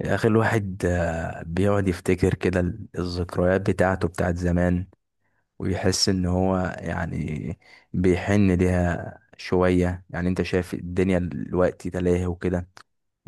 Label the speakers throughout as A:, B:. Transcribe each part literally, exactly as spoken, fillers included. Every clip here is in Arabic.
A: يا أخي الواحد آه، بيقعد يفتكر كده ال- الذكريات بتاعته بتاعت زمان، ويحس إن هو يعني بيحن ليها شوية. يعني أنت شايف الدنيا دلوقتي تلاهي وكده،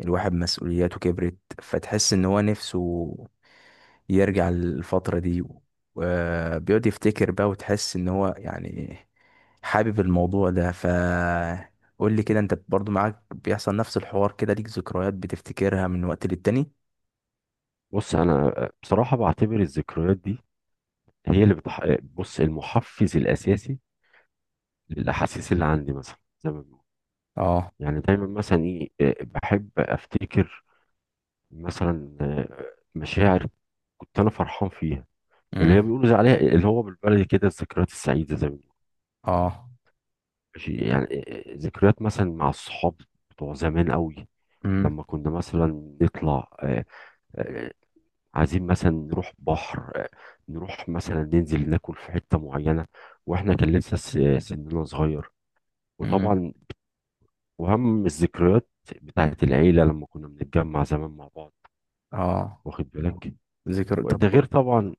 A: الواحد مسؤولياته كبرت فتحس إن هو نفسه يرجع للفترة دي، وبيقعد يفتكر بقى وتحس إن هو يعني حابب الموضوع ده. ف قول لي كده، انت برضو معاك بيحصل نفس الحوار كده؟ ليك ذكريات بتفتكرها من وقت للتاني؟
B: بص انا بصراحه بعتبر الذكريات دي هي اللي بتح... بص المحفز الاساسي للاحاسيس اللي عندي، مثلا زي ما بنقول
A: اه.
B: يعني. دايما مثلا ايه، آه، بحب افتكر مثلا آه، مشاعر كنت انا فرحان فيها، اللي هي
A: امم.
B: بيقولوا زي عليها اللي هو بالبلدي كده الذكريات السعيده زي ما بنقول.
A: اه.
B: ماشي، يعني آه، آه، ذكريات مثلا مع الصحاب بتوع زمان قوي.
A: امم.
B: لما كنا مثلا نطلع آه، آه، عايزين مثلا نروح بحر، آه، نروح مثلا ننزل ناكل في حتة معينة، واحنا كان لسه س- سننا صغير.
A: امم.
B: وطبعا وهم الذكريات بتاعت العيلة لما كنا بنتجمع زمان مع بعض،
A: اه.
B: واخد بالك.
A: ذكر. طب.
B: وده غير طبعا.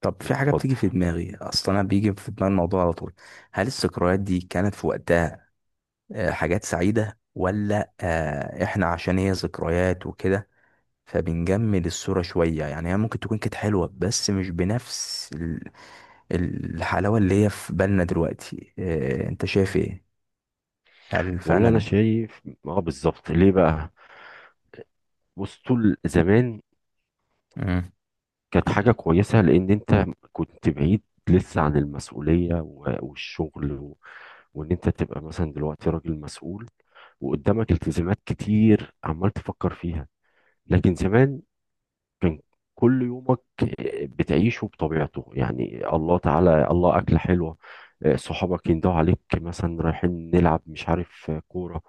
A: طب في حاجه بتيجي
B: اتفضل.
A: في دماغي اصلا، انا بيجي في دماغي الموضوع على طول. هل الذكريات دي كانت في وقتها آه، حاجات سعيده، ولا آه، احنا عشان هي ذكريات وكده فبنجمل الصوره شويه؟ يعني هي ممكن تكون كانت حلوه، بس مش بنفس ال- الحلاوه اللي هي في بالنا دلوقتي. آه، انت شايف ايه؟ هل
B: والله انا
A: فعلا؟
B: شايف اه بالظبط. ليه بقى؟ بص طول زمان
A: امم.
B: كانت حاجة كويسة، لان انت كنت بعيد لسه عن المسؤولية و- والشغل و- وان انت تبقى مثلا دلوقتي راجل مسؤول وقدامك التزامات كتير عمال تفكر فيها. لكن زمان كان كل يومك بتعيشه بطبيعته، يعني الله تعالى الله، أكلة حلوة، آه، صحابك يندهوا عليك مثلا رايحين نلعب مش عارف آه، كورة،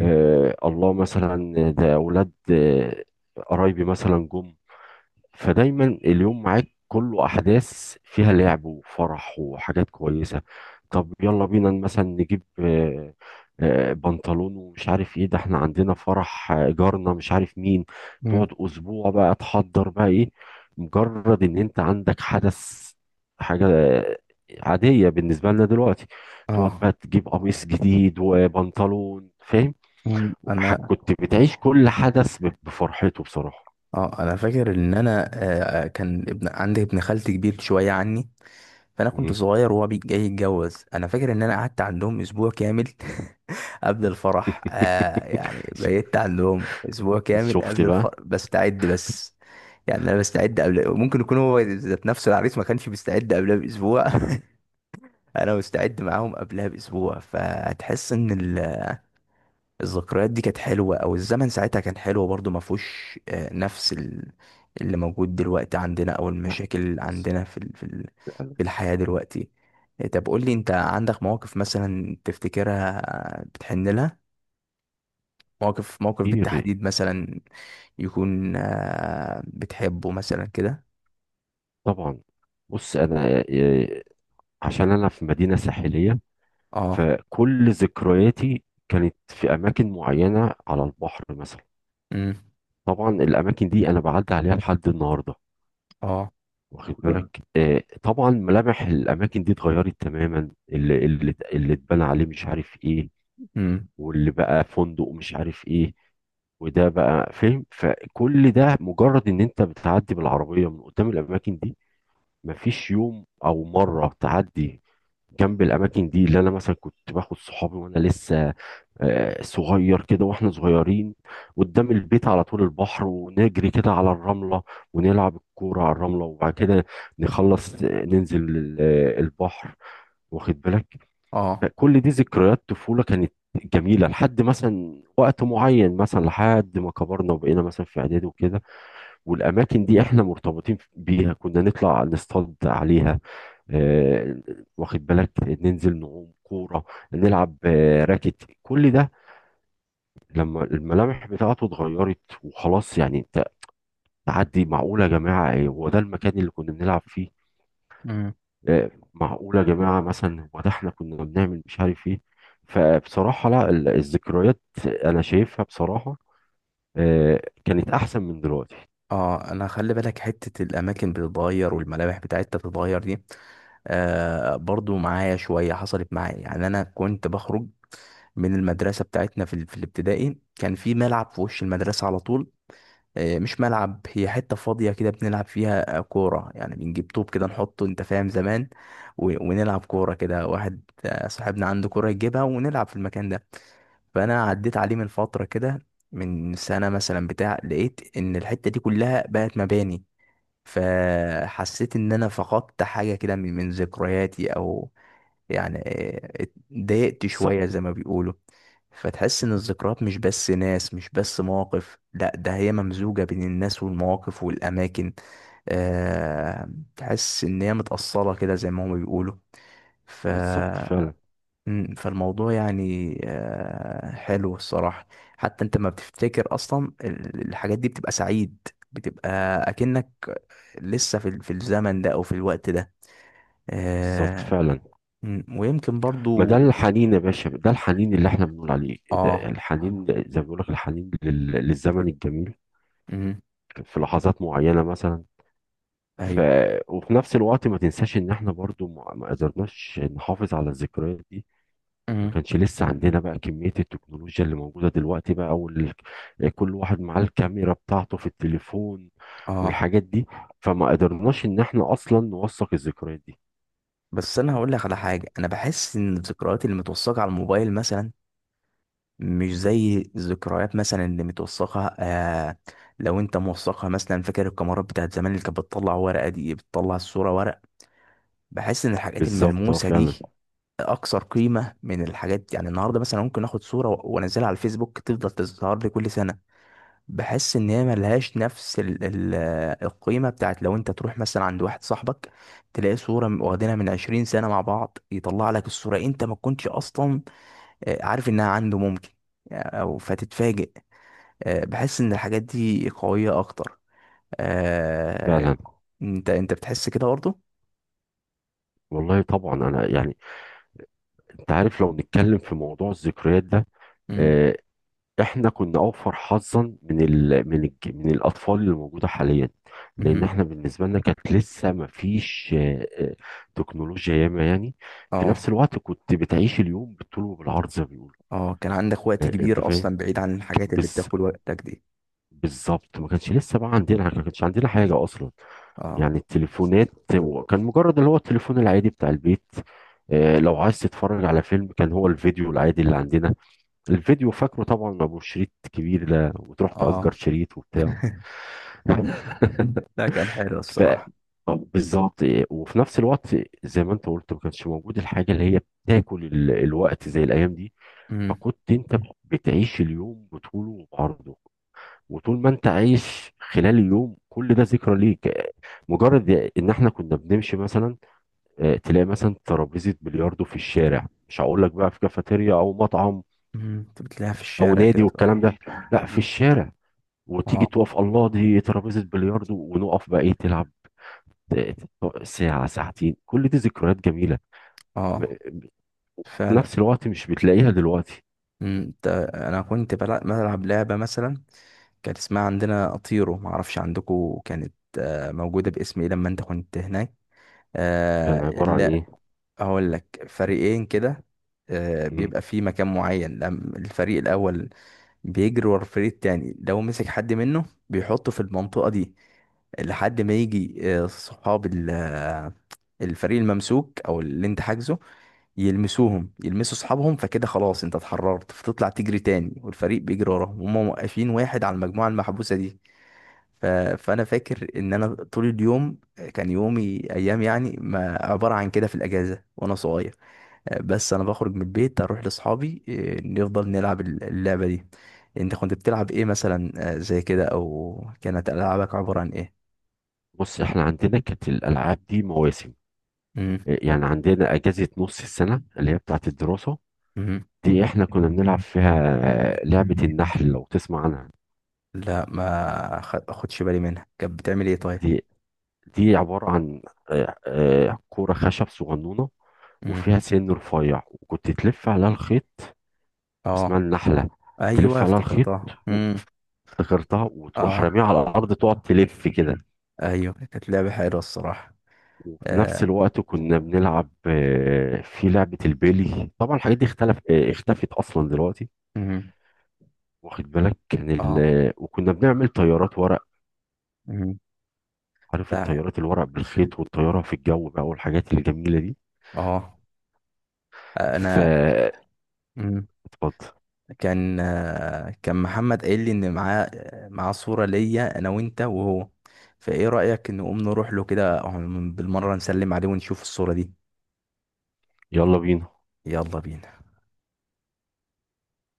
B: آه، الله مثلا آه، ده أولاد آه، قرايبي مثلا جم. فدايما اليوم معاك كله احداث فيها لعب وفرح وحاجات كويسه. طب يلا بينا مثلا نجيب آه، آه، بنطلون ومش عارف ايه، ده احنا عندنا فرح آه، جارنا مش عارف مين. تقعد
A: امم.
B: اسبوع بقى تحضر بقى ايه، مجرد ان انت عندك حدث، حاجه آه، عاديه بالنسبه لنا دلوقتي. تقعد
A: اه.
B: بقى تجيب قميص جديد وبنطلون، فاهم؟
A: مم.
B: ح-
A: انا
B: كنت بتعيش كل حدث ب- بفرحته بصراحه.
A: اه انا فاكر ان انا آه، كان ابن، عندي ابن خالتي كبير شويه عني، فانا كنت صغير وهو بي- جاي يتجوز. انا فاكر ان انا قعدت عندهم اسبوع كامل قبل الفرح. آه يعني بقيت عندهم اسبوع كامل
B: شفت
A: قبل الفرح
B: بقى.
A: بستعد بس. يعني انا بستعد قبل، ممكن يكون هو ذات نفسه العريس ما كانش بيستعد قبلها باسبوع انا مستعد معاهم قبلها باسبوع، فهتحس ان الذكريات دي كانت حلوة، او الزمن ساعتها كان حلو برضو، ما فيهوش آه، نفس ال- اللي موجود دلوقتي عندنا، او
B: لا،
A: المشاكل اللي عندنا في ال- في ال- في الحياة دلوقتي. آه، طب قول لي، انت عندك مواقف مثلا تفتكرها، آه، بتحن لها؟ موقف موقف
B: كتير
A: بالتحديد مثلا يكون آه، بتحبه مثلا كده؟
B: طبعا. بص انا آه، عشان انا في مدينه ساحليه،
A: اه.
B: فكل ذكرياتي كانت في اماكن معينه على البحر مثلا.
A: امم.
B: طبعا الاماكن دي انا بعدي عليها لحد النهارده،
A: اه.
B: واخد بالك. آه، طبعا ملامح الاماكن دي اتغيرت تماما، اللي اللي اللي اتبنى عليه مش عارف ايه،
A: امم.
B: واللي بقى فندق مش عارف ايه، وده بقى، فاهم. فكل ده مجرد ان انت بتعدي بالعربية من قدام الاماكن دي، مفيش يوم او مرة تعدي جنب الاماكن دي اللي انا مثلا كنت باخد صحابي وانا لسه آه، صغير كده. واحنا صغيرين قدام البيت على طول البحر ونجري كده على الرملة ونلعب الكورة على الرملة، وبعد كده نخلص آه، ننزل ال- آه، البحر، واخد بالك.
A: اه.
B: كل دي ذكريات طفولة كانت جميلة لحد مثلا وقت معين، مثلا لحد ما كبرنا وبقينا مثلا في إعدادي وكده. والأماكن دي إحنا مرتبطين بيها، كنا نطلع نصطاد عليها آه، واخد بالك، ننزل نعوم كورة، نلعب آه، راكت، كل ده. لما الملامح بتاعته اتغيرت وخلاص، يعني ت- تعدي معقولة يا جماعة، إيه، هو ده المكان اللي كنا بنلعب فيه؟ آه، معقولة يا جماعة مثلا هو ده احنا كنا بنعمل مش عارف ايه. فبصراحة لا، ال- الذكريات أنا شايفها بصراحة آه، كانت أحسن من دلوقتي.
A: اه، انا خلي بالك، حتة الاماكن بتتغير والملامح بتاعتها بتتغير دي آه برضو معايا، شوية حصلت معايا يعني. انا كنت بخرج من المدرسة بتاعتنا في, ال- في الابتدائي، كان في ملعب في وش المدرسة على طول. آه، مش ملعب، هي حتة فاضية كده بنلعب فيها آه، كورة، يعني بنجيب طوب كده نحطه، انت فاهم، زمان، و- ونلعب كورة كده. واحد آه، صاحبنا عنده كورة يجيبها ونلعب في المكان ده. فأنا عديت عليه من فترة كده، من سنة مثلا بتاع، لقيت إن الحتة دي كلها بقت مباني، فحسيت ان انا فقدت حاجة كده من من ذكرياتي، او يعني إيه، اتضايقت
B: بالظبط.
A: شوية زي ما بيقولوا. فتحس ان الذكريات مش بس ناس، مش بس مواقف، لا ده هي ممزوجة بين الناس والمواقف والاماكن. أه. تحس ان هي متأصلة كده زي ما هما بيقولوا. ف.
B: بالظبط فعلا.
A: مم، فالموضوع يعني أه حلو الصراحة. حتى انت ما بتفتكر اصلا ال- الحاجات دي، بتبقى سعيد، بتبقى اكنك لسه في في الزمن ده، او في الوقت ده.
B: بالظبط
A: آه.
B: فعلا.
A: مم، ويمكن
B: ما
A: برضو.
B: ده الحنين يا باشا، ده الحنين اللي احنا بنقول عليه، ده
A: اه.
B: الحنين زي ما بيقول لك، الحنين لل- للزمن الجميل
A: مم.
B: في لحظات معينة مثلا. ف...
A: ايوه.
B: وفي نفس الوقت ما تنساش ان احنا برضو ما ما قدرناش نحافظ على الذكريات دي. ما
A: مم.
B: كانش لسه عندنا بقى كمية التكنولوجيا اللي موجودة دلوقتي بقى، وال... كل واحد معاه الكاميرا بتاعته في التليفون
A: اه.
B: والحاجات دي، فما قدرناش ان احنا اصلا نوثق الذكريات دي.
A: بس انا هقول لك على حاجه، انا بحس ان الذكريات اللي متوثقه على الموبايل مثلا مش زي الذكريات مثلا اللي متوثقه. آه لو انت موثقها مثلا، فاكر الكاميرات بتاعت زمان اللي كانت بتطلع ورقه، دي بتطلع الصوره ورق. بحس ان الحاجات
B: بالظبط، اه
A: الملموسه دي
B: فعلا.
A: اكثر قيمه من الحاجات. يعني النهارده مثلا ممكن اخد صوره و- وانزلها على الفيسبوك، تفضل تظهر لي كل سنه. بحس ان هي ملهاش نفس ال ال القيمه بتاعت لو انت تروح مثلا عند واحد صاحبك، تلاقي صوره م- واخدينها من عشرين سنه مع بعض، يطلع لك الصوره انت ما كنتش اصلا آه، عارف انها عنده ممكن، او فتتفاجئ. آه، بحس ان الحاجات دي قويه اكتر.
B: فعلا.
A: آه، انت انت بتحس كده برضه؟
B: والله طبعا انا يعني، انت عارف لو نتكلم في موضوع الذكريات ده
A: امم.
B: آه، احنا كنا اوفر حظا من ال من ال من الاطفال اللي موجوده حاليا، لان
A: امم.
B: احنا بالنسبه لنا كانت لسه ما فيش آه، آه، تكنولوجيا ياما، يعني في نفس
A: اه.
B: الوقت كنت بتعيش اليوم بالطول وبالعرض زي ما بيقولوا.
A: اه، كان عندك وقت
B: آه، انت
A: كبير
B: فاهم.
A: اصلا بعيد عن الحاجات اللي
B: بز
A: بتاكل وقتك دي.
B: بالظبط، ما كانش لسه بقى عندنا، ما كانش عندنا حاجه اصلا.
A: اه.
B: يعني التليفونات هو كان مجرد اللي هو التليفون العادي بتاع البيت. آه، لو عايز تتفرج على فيلم كان هو الفيديو العادي اللي عندنا، الفيديو فاكره طبعا، ما ابو شريط كبير ده، وتروح تأجر
A: اه.
B: شريط وبتاع.
A: لا، كان حلو
B: بقى
A: الصراحه.
B: بالظبط. وفي نفس الوقت زي ما انت قلت، ما كانش موجود الحاجه اللي هي بتاكل ال- الوقت زي الايام دي، فكنت انت بتعيش اليوم بطوله وبعرضه. وطول ما انت عايش خلال اليوم كل ده ذكرى ليك. مجرد ان احنا كنا بنمشي مثلا آه، تلاقي مثلا ترابيزه بلياردو في الشارع، مش هقول لك بقى في كافيتيريا او مطعم
A: مم، انت بتلاقيها في
B: او
A: الشارع
B: نادي
A: كده. ف...
B: والكلام ده، لا، في
A: مم.
B: الشارع. وتيجي
A: اه.
B: تقف، الله دي ترابيزة بلياردو، ونقف بقى ايه تلعب ساعة ساعتين، كل دي ذكريات جميلة. م-
A: اه
B: في
A: فعلا.
B: نفس الوقت مش بتلاقيها دلوقتي.
A: مم، انت انا كنت بلع- بلعب لعبة مثلا، كانت اسمها عندنا اطيرو، معرفش عندكم كانت آه، موجودة باسم ايه لما انت كنت هناك.
B: كان
A: آه،
B: عبارة عن
A: لا،
B: ايه؟
A: هقول لك، فريقين كده آه
B: مم.
A: بيبقى في مكان معين، لم- الفريق الاول بيجري ورا الفريق التاني، لو مسك حد منه بيحطه في المنطقة دي لحد ما يجي آه، صحاب الفريق الممسوك، او اللي انت حاجزه، يلمسوهم، يلمسوا اصحابهم، فكده خلاص انت اتحررت فتطلع تجري تاني، والفريق بيجري وراهم وهم موقفين واحد على المجموعه المحبوسه دي. ف... فانا فاكر ان انا طول اليوم كان يومي، ايام يعني، ما عباره عن كده في الاجازه وانا صغير. آه، بس انا بخرج من البيت اروح لاصحابي، اه، نفضل نلعب الل- اللعبه دي. انت كنت بتلعب ايه مثلا اه، زي كده، او كانت العابك عباره عن ايه؟
B: بص احنا عندنا كانت الألعاب دي مواسم، آه، يعني عندنا أجازة نص السنة اللي هي بتاعت الدراسة،
A: امم.
B: دي احنا كنا بنلعب فيها لعبة النحل، لو تسمع عنها.
A: لا، ما خ- خدش بالي منها، كانت بتعمل ايه طيب؟
B: دي دي عبارة عن آه، آه، كورة خشب صغنونة
A: امم.
B: وفيها سن رفيع، وكنت تلف عليها الخيط، اسمها
A: اه.
B: النحلة.
A: ايوه
B: تلف عليها الخيط
A: افتكرتها.
B: و-
A: امم.
B: افتكرتها، وتروح
A: اه.
B: راميها على الأرض تقعد تلف كده.
A: ايوه، كانت لعبه حلوه الصراحه.
B: وفي نفس
A: آه.
B: الوقت كنا بنلعب آه، في لعبة البيلي، طبعا الحاجات دي اختلف آه، اختفت أصلا دلوقتي،
A: امم.
B: واخد بالك. كان ال...
A: اه.
B: آه، وكنا بنعمل طيارات ورق،
A: امم.
B: عارف
A: لا.
B: الطيارات الورق بالخيط والطيارة في الجو بقى والحاجات الجميلة دي.
A: اه. انا.
B: فاتفضل.
A: امم. كان آه، كان محمد قايل لي ان معاه معاه صوره ليا انا وانت وهو، فايه رايك نقوم نروح له كده، آه، بالمره نسلم عليه ونشوف الصوره دي.
B: يلا بينا.
A: يلا بينا.